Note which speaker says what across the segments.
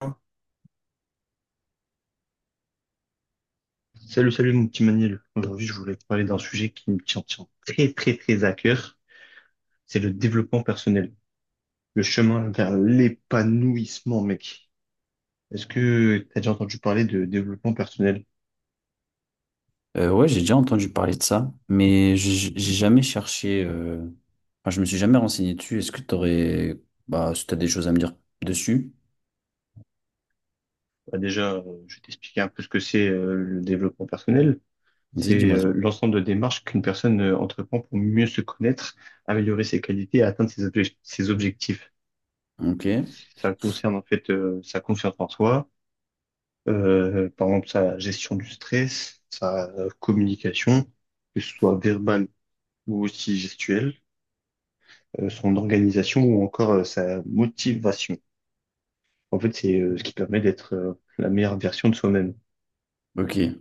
Speaker 1: Hein. Salut, salut mon petit Manil. Aujourd'hui, je voulais te parler d'un sujet qui me tient très, très, très à cœur. C'est le développement personnel, le chemin vers l'épanouissement, mec. Est-ce que tu as déjà entendu parler de développement personnel?
Speaker 2: Ouais, j'ai déjà entendu parler de ça, mais j'ai jamais cherché. Enfin, je me suis jamais renseigné dessus. Est-ce que t'aurais, bah, si t'as des choses à me dire dessus,
Speaker 1: Bah, déjà, je vais t'expliquer un peu ce que c'est le développement personnel.
Speaker 2: vas-y,
Speaker 1: C'est
Speaker 2: dis-moi tout.
Speaker 1: l'ensemble de démarches qu'une personne entreprend pour mieux se connaître, améliorer ses qualités et atteindre ses objectifs.
Speaker 2: Ok,
Speaker 1: Ça concerne en fait sa confiance en soi, par exemple sa gestion du stress, sa communication, que ce soit verbale ou aussi gestuelle, son organisation ou encore sa motivation. En fait, c'est ce qui permet d'être la meilleure version de soi-même.
Speaker 2: ok. Ouais,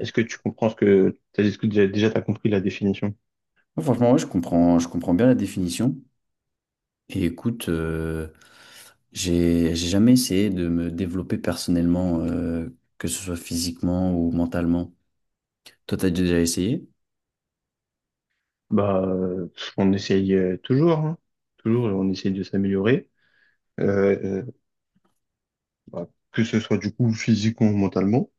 Speaker 1: Est-ce que tu comprends ce que t'as, est-ce que déjà t'as compris la définition?
Speaker 2: franchement, ouais, je comprends bien la définition. Et écoute, j'ai jamais essayé de me développer personnellement, que ce soit physiquement ou mentalement. Toi, t'as déjà essayé?
Speaker 1: Bah, on essaye toujours, hein. Toujours, on essaye de s'améliorer. Euh, euh, Bah, que ce soit du coup physiquement ou mentalement.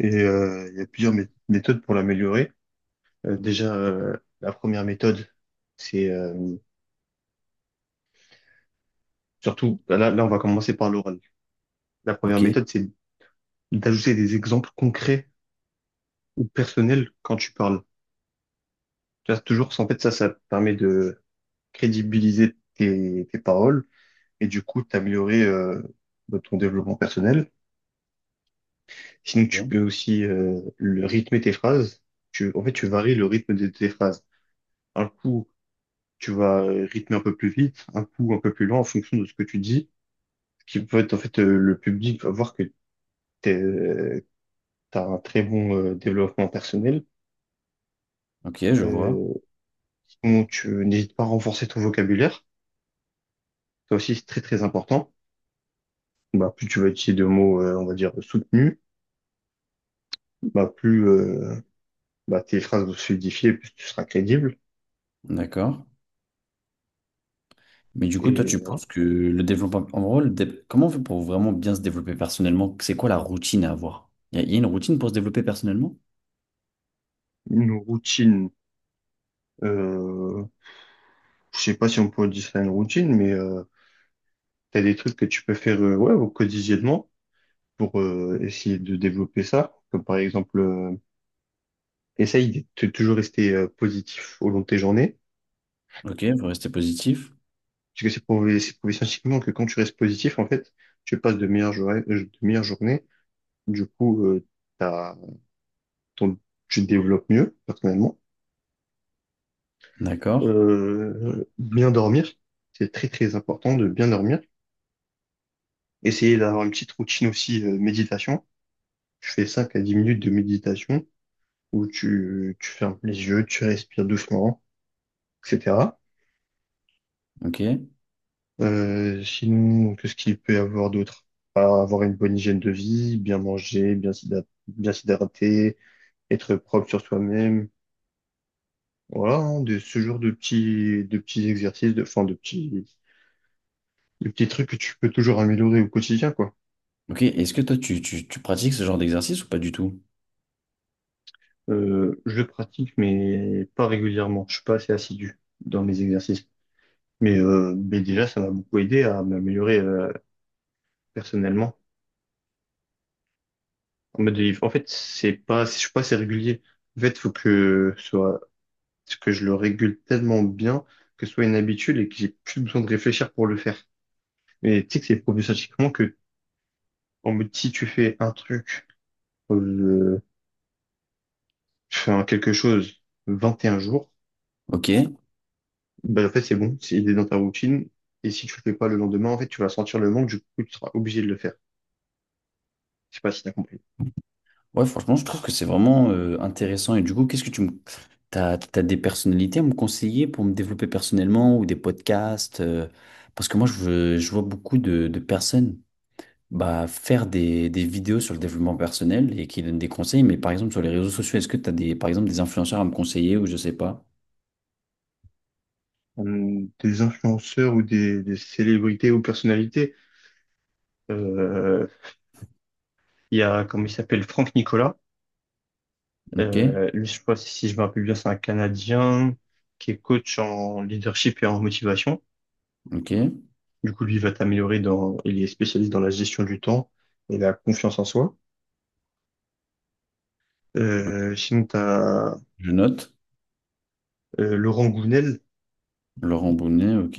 Speaker 1: Et il y a plusieurs méthodes pour l'améliorer. Déjà, la première méthode, c'est surtout, bah, là, on va commencer par l'oral. La première
Speaker 2: Ok.
Speaker 1: méthode, c'est d'ajouter des exemples concrets ou personnels quand tu parles. Tu vois, toujours, en fait, ça te permet de crédibiliser tes paroles et du coup, t'améliorer de ton développement personnel. Sinon, tu peux
Speaker 2: Ok,
Speaker 1: aussi le rythmer tes phrases. En fait, tu varies le rythme de tes phrases. Un coup, tu vas rythmer un peu plus vite, un coup un peu plus lent en fonction de ce que tu dis, ce qui peut être en fait le public va voir que tu as un très bon développement personnel.
Speaker 2: ok, je vois.
Speaker 1: Euh, Sinon, tu n'hésites pas à renforcer ton vocabulaire. Ça aussi, c'est très très important. Bah, plus tu vas utiliser de mots, on va dire, soutenus, bah, plus bah, tes phrases vont se solidifier, plus tu seras crédible.
Speaker 2: D'accord. Mais du coup, toi,
Speaker 1: Et
Speaker 2: tu penses que le développement, en gros, comment on fait pour vraiment bien se développer personnellement? C'est quoi la routine à avoir? A y a une routine pour se développer personnellement?
Speaker 1: une routine, euh, je sais pas si on peut dire ça une routine, mais tu as des trucs que tu peux faire ouais, au quotidiennement pour essayer de développer ça. Comme par exemple, essaye de toujours rester positif au long de tes journées.
Speaker 2: Ok, vous restez positif.
Speaker 1: Parce que c'est prouvé scientifiquement que quand tu restes positif, en fait, tu passes de meilleures journées, de meilleures journées. Du coup, t'as, ton, tu te développes mieux, personnellement.
Speaker 2: D'accord.
Speaker 1: Bien dormir, c'est très très important de bien dormir. Essayer d'avoir une petite routine aussi, méditation. Tu fais 5 à 10 minutes de méditation où tu fermes les yeux, tu respires doucement, etc.
Speaker 2: Ok.
Speaker 1: Sinon, qu'est-ce qu'il peut y avoir d'autre? Enfin, avoir une bonne hygiène de vie, bien manger, bien s'hydrater, être propre sur soi-même. Voilà, hein, de, ce genre de petits exercices, de, enfin, de petits trucs que tu peux toujours améliorer au quotidien, quoi.
Speaker 2: Ok. Est-ce que toi, tu pratiques ce genre d'exercice ou pas du tout?
Speaker 1: Je le pratique, mais pas régulièrement. Je suis pas assez assidu dans mes exercices. Mais déjà, ça m'a beaucoup aidé à m'améliorer, personnellement. En mode, en fait, c'est pas, je suis pas assez régulier. En fait, faut que ce soit. Parce que je le régule tellement bien que ce soit une habitude et que j'ai plus besoin de réfléchir pour le faire. Mais tu sais que c'est prouvé scientifiquement que, en mode, si tu fais un truc, euh, tu fais un quelque chose 21 jours,
Speaker 2: Ok.
Speaker 1: ben, en fait, c'est bon, c'est il est dans ta routine. Et si tu le fais pas le lendemain, en fait, tu vas sentir le manque, du coup, tu seras obligé de le faire. Je sais pas si t'as compris.
Speaker 2: Ouais, franchement, je trouve que c'est vraiment intéressant. Et du coup, qu'est-ce que tu me... t'as des personnalités à me conseiller pour me développer personnellement ou des podcasts? Parce que moi, je vois beaucoup de personnes. Bah, faire des vidéos sur le développement personnel et qui donnent des conseils. Mais par exemple, sur les réseaux sociaux, est-ce que tu as des, par exemple, des influenceurs à me conseiller ou je sais pas?
Speaker 1: Des influenceurs ou des célébrités ou personnalités, euh, il y a, comment il s'appelle, Franck Nicolas.
Speaker 2: Ok,
Speaker 1: Lui, je sais pas si je me rappelle bien, c'est un Canadien qui est coach en leadership et en motivation.
Speaker 2: ok,
Speaker 1: Du coup, lui, il va t'améliorer il est spécialiste dans la gestion du temps et la confiance en soi.
Speaker 2: ok.
Speaker 1: Sinon, t'as
Speaker 2: Je note.
Speaker 1: Laurent Gounel
Speaker 2: Laurent Bounet, ok.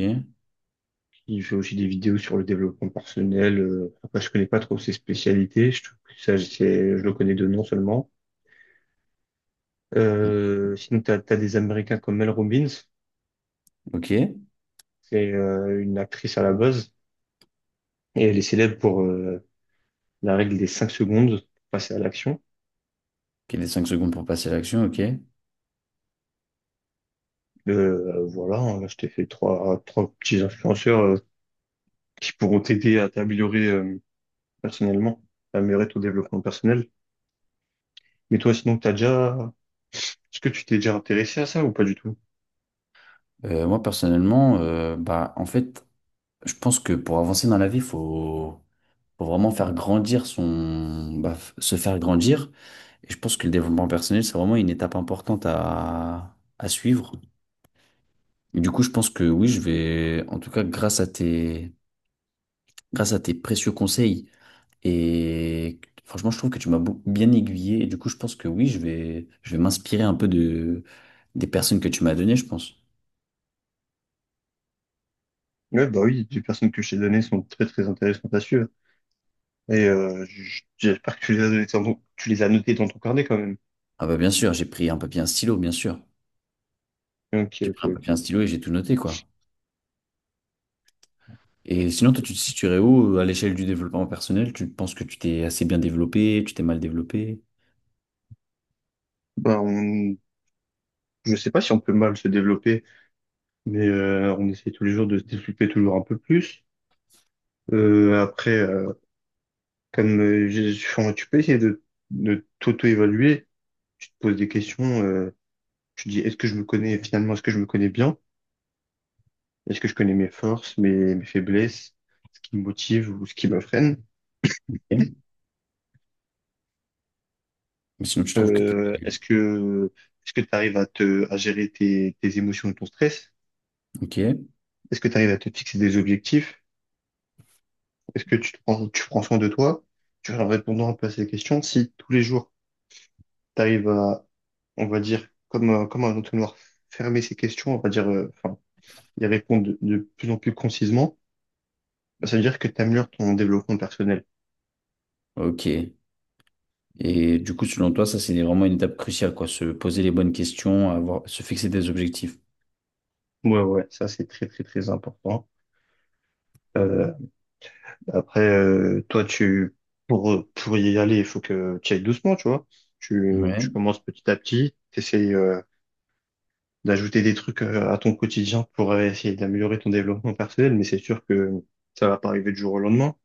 Speaker 1: qui fait aussi des vidéos sur le développement personnel. Après, je connais pas trop ses spécialités. Je trouve que je le connais de nom seulement. Sinon, t'as des Américains comme Mel Robbins.
Speaker 2: Ok,
Speaker 1: C'est une actrice à la base et elle est célèbre pour la règle des 5 secondes pour passer à l'action.
Speaker 2: qu'il ait 5 secondes pour passer à l'action, ok.
Speaker 1: Voilà, hein, je t'ai fait trois petits influenceurs qui pourront t'aider à t'améliorer personnellement, à améliorer ton développement personnel. Mais toi, sinon, t'as déjà. Est-ce que tu t'es déjà intéressé à ça ou pas du tout?
Speaker 2: Moi, personnellement, bah, en fait, je pense que pour avancer dans la vie, faut vraiment faire grandir son, se faire grandir. Et je pense que le développement personnel, c'est vraiment une étape importante à suivre. Du coup, je pense que oui, je vais, en tout cas, grâce à tes précieux conseils, et franchement, je trouve que tu bien aiguillé, et du coup, je pense que oui, je vais m'inspirer un peu de, des personnes que tu m'as données, je pense.
Speaker 1: Ouais, bah oui, les personnes que je t'ai données sont très très intéressantes à suivre. Et j'espère que tu les as données tu les as notées dans ton carnet quand même.
Speaker 2: Ah bah, bien sûr, j'ai pris un papier, et un stylo, bien sûr.
Speaker 1: Ok,
Speaker 2: J'ai
Speaker 1: ok,
Speaker 2: pris un papier, et un
Speaker 1: ok.
Speaker 2: stylo et j'ai tout noté, quoi. Et sinon, toi, tu te situerais où à l'échelle du développement personnel? Tu penses que tu t'es assez bien développé, tu t'es mal développé?
Speaker 1: Bah, je sais pas si on peut mal se développer, mais on essaie tous les jours de se développer toujours un peu plus. Après, comme tu peux essayer de t'auto-évaluer, tu te poses des questions, tu te dis est-ce que je me connais finalement, est-ce que je me connais bien? Est-ce que je connais mes forces, mes faiblesses, ce qui me motive ou ce qui me freine?
Speaker 2: Ok. Mais sinon, tu trouves que t'es...
Speaker 1: Euh, est-ce que est-ce que tu arrives à gérer tes émotions et ton stress?
Speaker 2: Ok,
Speaker 1: Est-ce que tu arrives à te fixer des objectifs? Est-ce que tu prends soin de toi? Tu vois, en répondant un peu à ces questions, si tous les jours tu arrives à on va dire, comme, comme un entonnoir fermer ses questions, on va dire, enfin, y répondre de plus en plus concisement, bah, ça veut dire que tu améliores ton développement personnel.
Speaker 2: ok. Et du coup, selon toi, ça, c'est vraiment une étape cruciale, quoi. Se poser les bonnes questions, se fixer des objectifs.
Speaker 1: Ouais, ouais, ça c'est très, très, très important. Euh, Après, toi, tu, pour y aller, il faut que tu ailles doucement, tu vois. Tu
Speaker 2: Ouais,
Speaker 1: commences petit à petit, tu essayes d'ajouter des trucs à ton quotidien pour essayer d'améliorer ton développement personnel, mais c'est sûr que ça va pas arriver du jour au lendemain.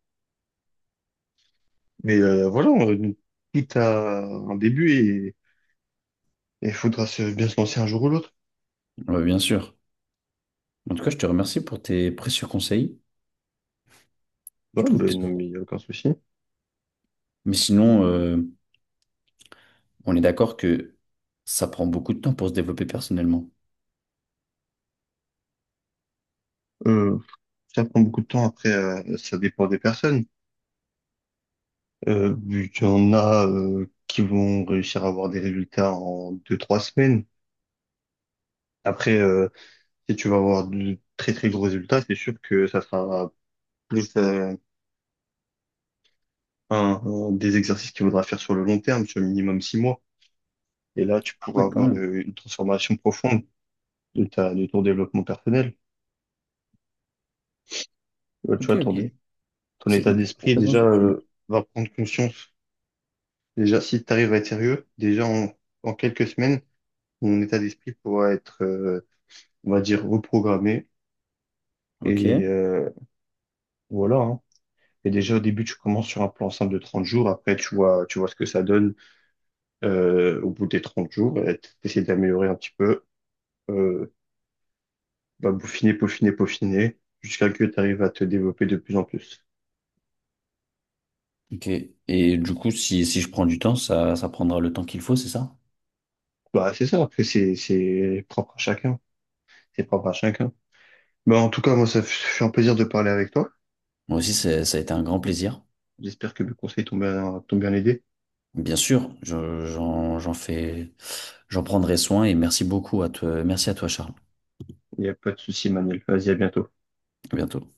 Speaker 1: Mais voilà, tout a un début. Et il faudra bien se lancer un jour ou l'autre.
Speaker 2: ouais, bien sûr. En tout cas, je te remercie pour tes précieux conseils.
Speaker 1: Ouais,
Speaker 2: Je trouve qu'ils
Speaker 1: ben, non,
Speaker 2: sont...
Speaker 1: mais il n'y a aucun souci.
Speaker 2: Mais sinon, on est d'accord que ça prend beaucoup de temps pour se développer personnellement.
Speaker 1: Euh, Ça prend beaucoup de temps. Après, ça dépend des personnes. Vu qu'il y en a qui vont réussir à avoir des résultats en 2, 3 semaines. Après, si tu vas avoir de très, très gros résultats, c'est sûr que ça sera plus un des exercices qu'il faudra faire sur le long terme, sur le minimum 6 mois. Et là, tu
Speaker 2: Ah
Speaker 1: pourras
Speaker 2: ouais, quand
Speaker 1: avoir
Speaker 2: même.
Speaker 1: une transformation profonde de de ton développement personnel. Tu
Speaker 2: Ok,
Speaker 1: vois, ton,
Speaker 2: ok.
Speaker 1: ton
Speaker 2: C'est
Speaker 1: état
Speaker 2: hyper
Speaker 1: d'esprit,
Speaker 2: intéressant ce
Speaker 1: déjà,
Speaker 2: que tu me dis.
Speaker 1: va prendre conscience. Déjà, si tu arrives à être sérieux, déjà en quelques semaines, mon état d'esprit pourra être, on va dire, reprogrammé.
Speaker 2: Ok,
Speaker 1: Et voilà. Hein. Et déjà au début, tu commences sur un plan simple de 30 jours. Après, tu vois ce que ça donne au bout des 30 jours. Et t'essaies d'améliorer un petit peu, euh, bah, peaufiner, peaufiner, peaufiner, jusqu'à que tu arrives à te développer de plus en plus.
Speaker 2: ok. Et du coup, si, si je prends du temps, ça prendra le temps qu'il faut, c'est ça?
Speaker 1: Bah, c'est ça. Après, c'est propre à chacun. C'est propre à chacun. Bah, en tout cas, moi, ça fait un plaisir de parler avec toi.
Speaker 2: Moi aussi, ça a été un grand plaisir.
Speaker 1: J'espère que mes conseils t'ont bien aidé.
Speaker 2: Bien sûr, j'en fais, j'en prendrai soin et merci beaucoup à toi, merci à toi, Charles.
Speaker 1: Il n'y a pas de souci, Manuel. Vas-y, à bientôt.
Speaker 2: À bientôt.